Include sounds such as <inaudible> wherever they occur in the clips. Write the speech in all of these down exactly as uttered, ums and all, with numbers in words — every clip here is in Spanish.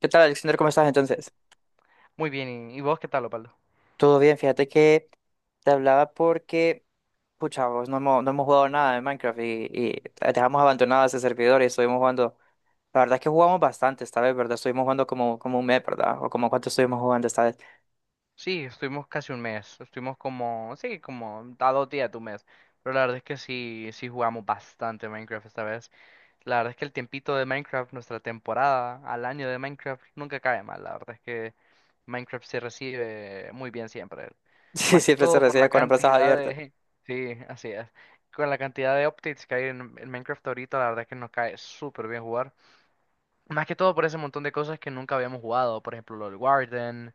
¿Qué tal, Alexander? ¿Cómo estás entonces? Muy bien, ¿y vos qué tal, Opaldo? Todo bien, fíjate que te hablaba porque, pucha, vos no hemos, no hemos jugado nada de Minecraft y, y dejamos abandonado ese servidor y estuvimos jugando. La verdad es que jugamos bastante esta vez, ¿verdad? Estuvimos jugando como, como un mes, ¿verdad? O como cuánto estuvimos jugando esta vez. <laughs> Sí, estuvimos casi un mes, estuvimos como, sí, como a dos días de un mes, pero la verdad es que sí, sí jugamos bastante Minecraft esta vez. La verdad es que el tiempito de Minecraft, nuestra temporada al año de Minecraft, nunca cae mal, la verdad es que Minecraft se recibe muy bien siempre. Sí, Más que siempre se todo por recibe la con las plazas cantidad abiertas. de... <laughs> Sí, así es. Con la cantidad de updates que hay en, en Minecraft ahorita, la verdad es que nos cae súper bien jugar. Más que todo por ese montón de cosas que nunca habíamos jugado, por ejemplo, lo del Warden,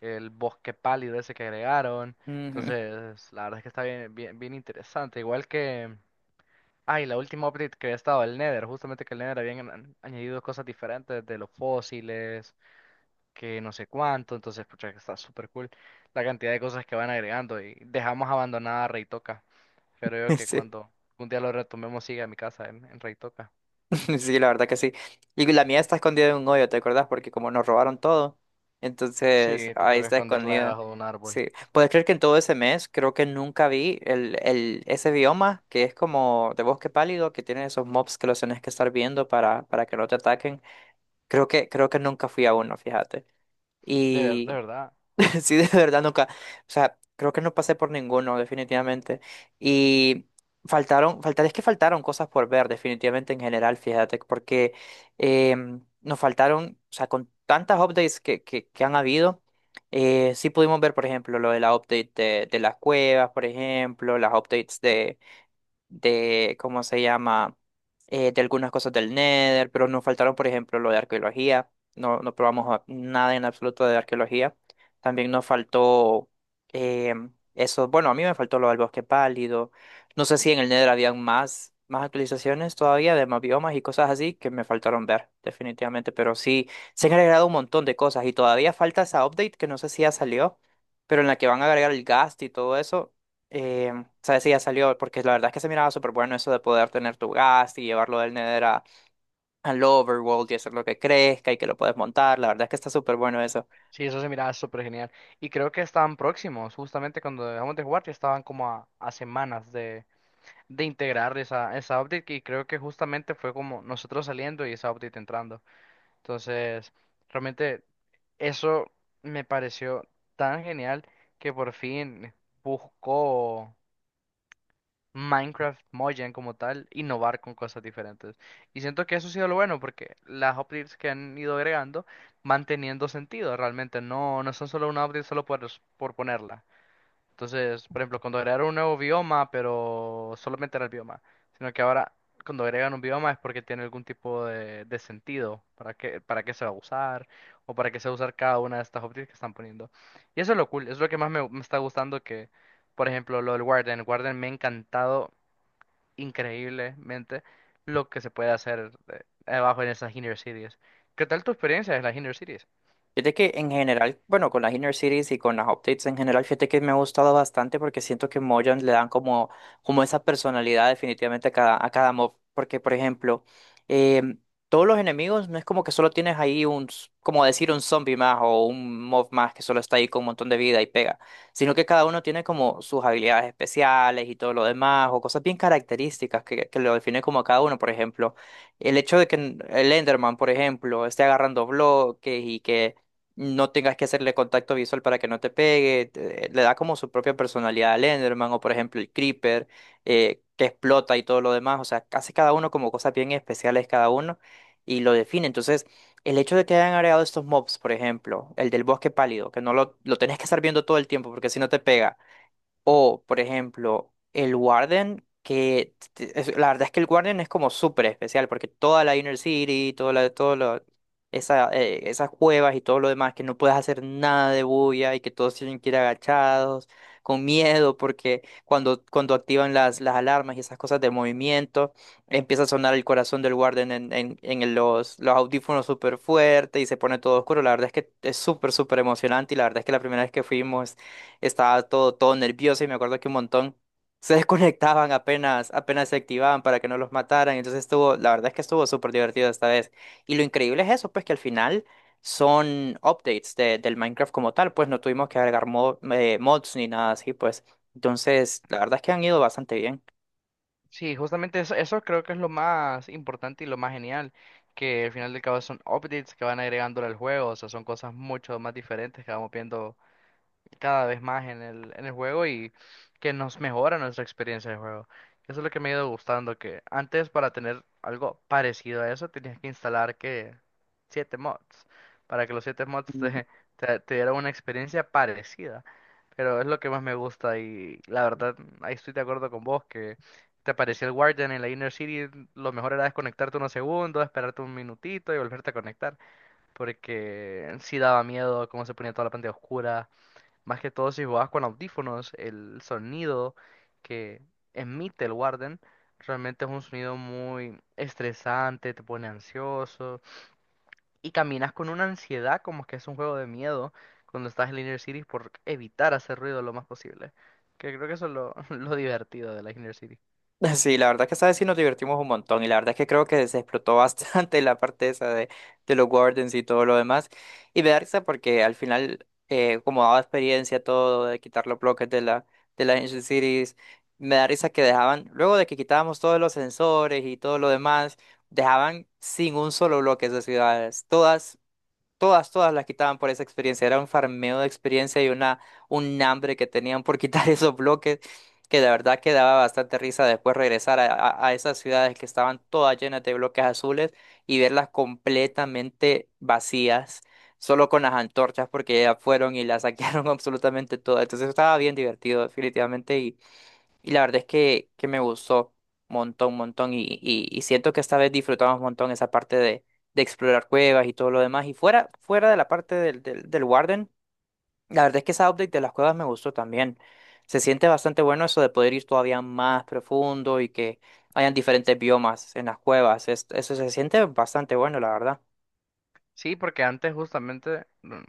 el bosque pálido ese que agregaron. Ujú. Entonces, la verdad es que está bien, bien, bien interesante. Igual que, ay, la última update que había estado, el Nether, justamente que el Nether habían an- añadido cosas diferentes de los fósiles, que no sé cuánto. Entonces, pucha, que está súper cool la cantidad de cosas que van agregando y dejamos abandonada Reitoca. Creo <laughs> que Sí. cuando un día lo retomemos, sigue a mi casa en, en Reitoca. <laughs> Sí, la verdad que sí. Y la mía está escondida en un hoyo, ¿te acordás? Porque como nos robaron todo, entonces Sí, te ahí toca está esconderla escondida. debajo de un árbol. Sí. ¿Puedes creer que en todo ese mes creo que nunca vi el, el, ese bioma que es como de bosque pálido, que tiene esos mobs que los tenés que estar viendo para, para que no te ataquen? Creo que, creo que nunca fui a uno, fíjate. De ver- de Y verdad. <laughs> Sí, de verdad nunca. O sea, creo que no pasé por ninguno, definitivamente. Y faltaron, faltar, es que faltaron cosas por ver, definitivamente en general, fíjate, porque em, nos faltaron, o sea, con tantas updates que, que, que han habido, eh, sí pudimos ver, por ejemplo, lo de la update de, de las cuevas, por ejemplo, las updates de de, ¿cómo se llama? Eh, de algunas cosas del Nether, pero nos faltaron, por ejemplo, lo de arqueología. No, no probamos a- nada en absoluto de arqueología. También nos faltó eh, eso. Bueno, a mí me faltó lo del bosque pálido. No sé si en el Nether habían más, más actualizaciones todavía de más biomas y cosas así que me faltaron ver, definitivamente. Pero sí, se han agregado un montón de cosas y todavía falta esa update que no sé si ya salió, pero en la que van a agregar el ghast y todo eso. Eh, sabes si ya salió, porque la verdad es que se miraba súper bueno eso de poder tener tu gas y llevarlo del Nether a, al Overworld y hacer lo que crezca y que lo puedes montar. La verdad es que está súper bueno eso. Sí, eso se miraba súper genial. Y creo que estaban próximos, justamente cuando dejamos de jugar, ya estaban como a, a semanas de, de integrar esa, esa update. Y creo que justamente fue como nosotros saliendo y esa update entrando. Entonces, realmente eso me pareció tan genial que por fin buscó. Minecraft Mojang como tal, innovar con cosas diferentes. Y siento que eso ha sido lo bueno porque las updates que han ido agregando van teniendo sentido realmente, no, no son solo una update solo por, por ponerla. Entonces, por ejemplo, cuando agregaron un nuevo bioma, pero solamente era el bioma, sino que ahora cuando agregan un bioma es porque tiene algún tipo de, de sentido para qué, para qué se va a usar o para qué se va a usar cada una de estas updates que están poniendo. Y eso es lo cool, es lo que más me, me está gustando que, por ejemplo, lo del Warden. Warden me ha encantado increíblemente lo que se puede hacer eh, abajo en esas inner cities. ¿Qué tal tu experiencia en las inner cities? Fíjate que en general, bueno, con las Inner Cities y con las updates en general, fíjate que me ha gustado bastante porque siento que Mojang le dan como, como esa personalidad definitivamente a cada, a cada mob. Porque, por ejemplo, em, todos los enemigos no es como que solo tienes ahí un, s- como decir, un zombie más o un mob más que solo está ahí con un montón de vida y pega, sino que cada uno tiene como sus habilidades especiales y todo lo demás o cosas bien características que, que lo definen como a cada uno, por ejemplo. El hecho de que el Enderman, por ejemplo, esté agarrando bloques y que no tengas que hacerle contacto visual para que no te pegue, te- le da como su propia personalidad al Enderman o por ejemplo el Creeper, eh, que explota y todo lo demás, o sea, hace cada uno como cosas bien especiales cada uno y lo define. Entonces, el hecho de que hayan agregado estos mobs, por ejemplo, el del bosque pálido, que no lo, lo tenés que estar viendo todo el tiempo porque si no te pega. O, por ejemplo, el Warden, que t- es- la verdad es que el Warden es como súper especial, porque toda la Inner City, toda la, todo lo- esa, eh, esas cuevas y todo lo demás, que no puedes hacer nada de bulla y que todos tienen que ir agachados, con miedo, porque cuando, cuando activan las, las alarmas y esas cosas de movimiento, empieza a sonar el corazón del Warden en, en, en los, los audífonos súper fuerte y se pone todo oscuro. La verdad es que es súper, súper emocionante y la verdad es que la primera vez que fuimos estaba todo, todo nervioso y me acuerdo que un montón se <laughs> desconectaban apenas, apenas se activaban para que no los mataran. Entonces estuvo, la verdad es que estuvo súper divertido esta vez. Y lo increíble es eso, pues que al final son updates de- del Minecraft como tal, pues no tuvimos que agregar mo- eh, mods ni nada así, pues. Entonces, la verdad es que han ido bastante bien. Sí, justamente eso, eso creo que es lo más importante y lo más genial, que al final del cabo son updates que van agregándole al juego, o sea, son cosas mucho más diferentes que vamos viendo cada vez más en el, en el juego y que nos mejora nuestra experiencia de juego. Eso es lo que me ha ido gustando, que antes para tener algo parecido a eso tenías que instalar que siete mods, para que los siete mods te, <laughs> te, te dieran una experiencia parecida. Pero es lo que más me gusta y la verdad, ahí estoy de acuerdo con vos, que te aparecía el Guardian en la Inner City, lo mejor era desconectarte unos segundos, esperarte un minutito y volverte a conectar, porque sí daba miedo cómo se ponía toda la pantalla oscura más que todo si jugabas con audífonos, el sonido que emite el Warden realmente es un sonido muy estresante, te pone ansioso y caminas con una ansiedad como que es un juego de miedo cuando estás en la Inner Cities por evitar hacer ruido lo más posible. Que creo que eso es lo, <laughs> lo divertido de la Inner Cities. <laughs> Sí, la verdad que esta vez sí nos divertimos un montón y la verdad que creo que se explotó <laughs> bastante la parte esa de, de los wardens y todo lo demás. Y me da risa porque al final, eh, como daba experiencia todo de quitar los bloques de la, de las Ancient Cities, me da risa que dejaban, luego de que quitábamos todos los sensores y todo lo demás, dejaban sin un solo bloque esas ciudades. Todas Todas, todas las quitaban por esa experiencia. Era un farmeo de experiencia y una, un hambre que tenían por quitar <laughs> esos bloques, que de verdad que daba bastante risa después regresar a, a- a esas ciudades que estaban todas llenas de bloques azules y verlas completamente vacías, solo con las antorchas, porque ya fueron y las saquearon <laughs> absolutamente todas. Entonces estaba bien divertido, definitivamente, y la verdad es que, que me gustó montón, montón. Y, y, y siento que esta vez disfrutamos un montón esa parte de, de explorar cuevas y todo lo demás. Y fuera, fuera de la parte del, del, del Warden, la verdad es que esa update de las cuevas me gustó también. Se siente bastante bueno eso de poder ir todavía más profundo y que hayan diferentes biomas en las cuevas. Es- eso se siente bastante bueno, la verdad. Sí, porque antes justamente, mm,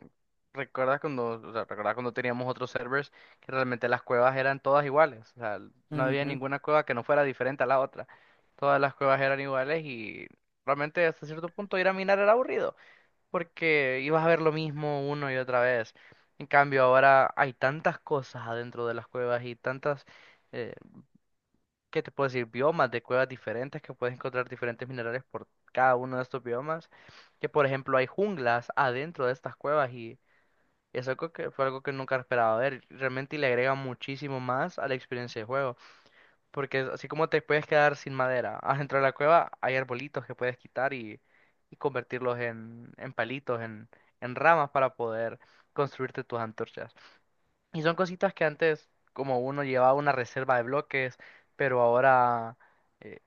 recuerdas cuando, o sea, recuerdas cuando teníamos otros servers que realmente las cuevas eran todas iguales, o sea, no había ninguna cueva que no fuera diferente a la otra. Todas las cuevas eran iguales y realmente hasta cierto punto ir a minar era aburrido, porque ibas a ver lo mismo una y otra vez. En cambio, ahora hay tantas cosas adentro de las cuevas y tantas eh, ¿qué te puedo decir? Biomas de cuevas diferentes que puedes encontrar diferentes minerales por cada uno de estos biomas. Que por ejemplo hay junglas adentro de estas cuevas y es algo que fue algo que nunca esperaba ver. Realmente le agrega muchísimo más a la experiencia de juego. Porque así como te puedes quedar sin madera, adentro de la cueva hay arbolitos que puedes quitar y, y convertirlos en, en palitos, en, en ramas para poder construirte tus antorchas. Y son cositas que antes como uno llevaba una reserva de bloques, pero ahora... eh,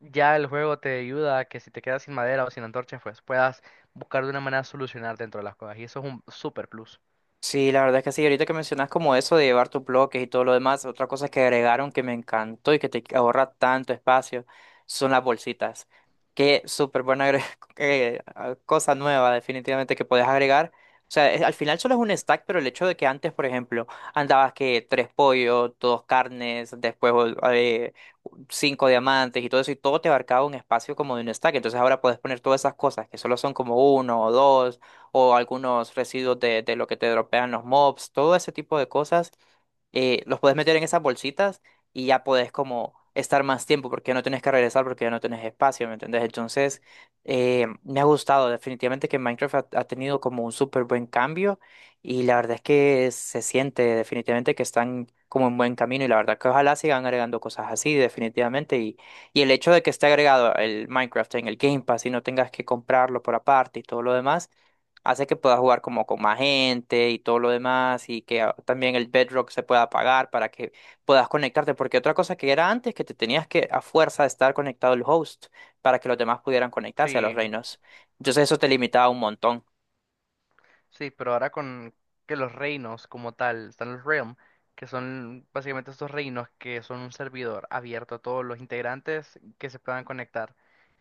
ya el juego te ayuda a que si te quedas sin madera o sin antorchas, pues puedas buscar de una manera solucionar dentro de las cosas. Y eso es un super plus. Sí, la verdad es que sí, ahorita que mencionas como eso de llevar tus bloques y todo lo demás, otra cosa que agregaron que me encantó y que te ahorra tanto espacio son las bolsitas. Qué súper buena agre- <laughs> eh, ah, cosa nueva definitivamente que podés agregar. O sea, es- al final solo es un stack, pero el hecho de que antes, por ejemplo, andabas que tres pollos, dos carnes, después o- eh, cinco diamantes y todo eso, y todo te abarcaba un espacio como de un stack. Entonces ahora puedes poner todas esas cosas que solo son como uno o dos o algunos residuos de, de lo que te dropean los mobs, todo ese tipo de cosas, eh, los puedes meter en esas bolsitas y ya podés como estar más tiempo porque ya no tenés que regresar porque ya no tenés espacio, ¿me entendés? Entonces, eh, me ha gustado definitivamente que Minecraft ha, ha tenido como un súper buen cambio y la verdad es que se siente definitivamente que están como en buen camino y la verdad que ojalá sigan agregando cosas así definitivamente y, y el hecho de que esté agregado el Minecraft en el Game Pass y no tengas que comprarlo por aparte y todo lo demás hace que puedas jugar como con más gente y todo lo demás y que ah, también el Bedrock se pueda apagar para que puedas conectarte, porque otra cosa que era antes que te tenías que a fuerza estar conectado al host para que los demás pudieran conectarse a los Sí, reinos. Entonces eso te limitaba un montón. sí, pero ahora con que los reinos como tal, están los Realm, que son básicamente estos reinos que son un servidor abierto a todos los integrantes que se puedan conectar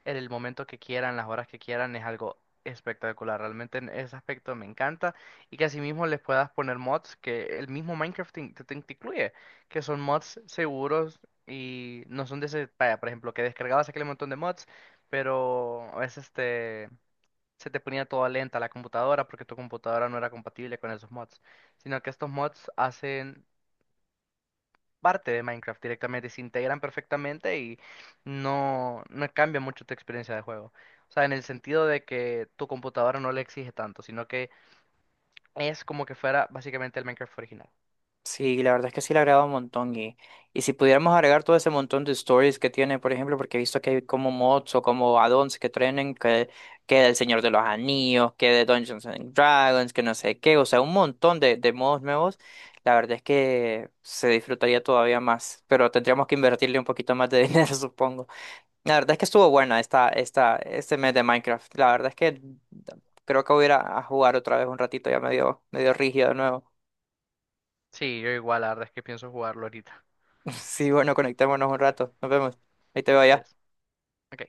en el momento que quieran, las horas que quieran, es algo espectacular. Realmente en ese aspecto me encanta y que asimismo les puedas poner mods que el mismo Minecraft te, te- te incluye, que son mods seguros y no son de ese, vaya, por ejemplo, que descargabas aquel montón de mods, pero a veces se te ponía toda lenta la computadora porque tu computadora no era compatible con esos mods, sino que estos mods hacen parte de Minecraft directamente, se integran perfectamente y no, no cambia mucho tu experiencia de juego. O sea, en el sentido de que tu computadora no le exige tanto, sino que es como que fuera básicamente el Minecraft original. Sí, la verdad es que sí le agrega un montón y, y si pudiéramos agregar todo ese montón de stories que tiene, por ejemplo, porque he visto que hay como mods o como add-ons que traen que, que del Señor de los Anillos, que de Dungeons and Dragons, que no sé qué, o sea, un montón de, de modos nuevos, la verdad es que se disfrutaría todavía más, pero tendríamos que invertirle un poquito más de <laughs> dinero, supongo. La verdad es que estuvo buena esta, esta, este mes de Minecraft, la verdad es que creo que voy a ir a a jugar otra vez un ratito, ya medio, medio rígido de nuevo. Sí, yo igual, la verdad es que pienso jugarlo ahorita. <laughs> Sí, bueno, conectémonos un rato. Nos vemos. Ahí te veo allá. Adiós. Ok.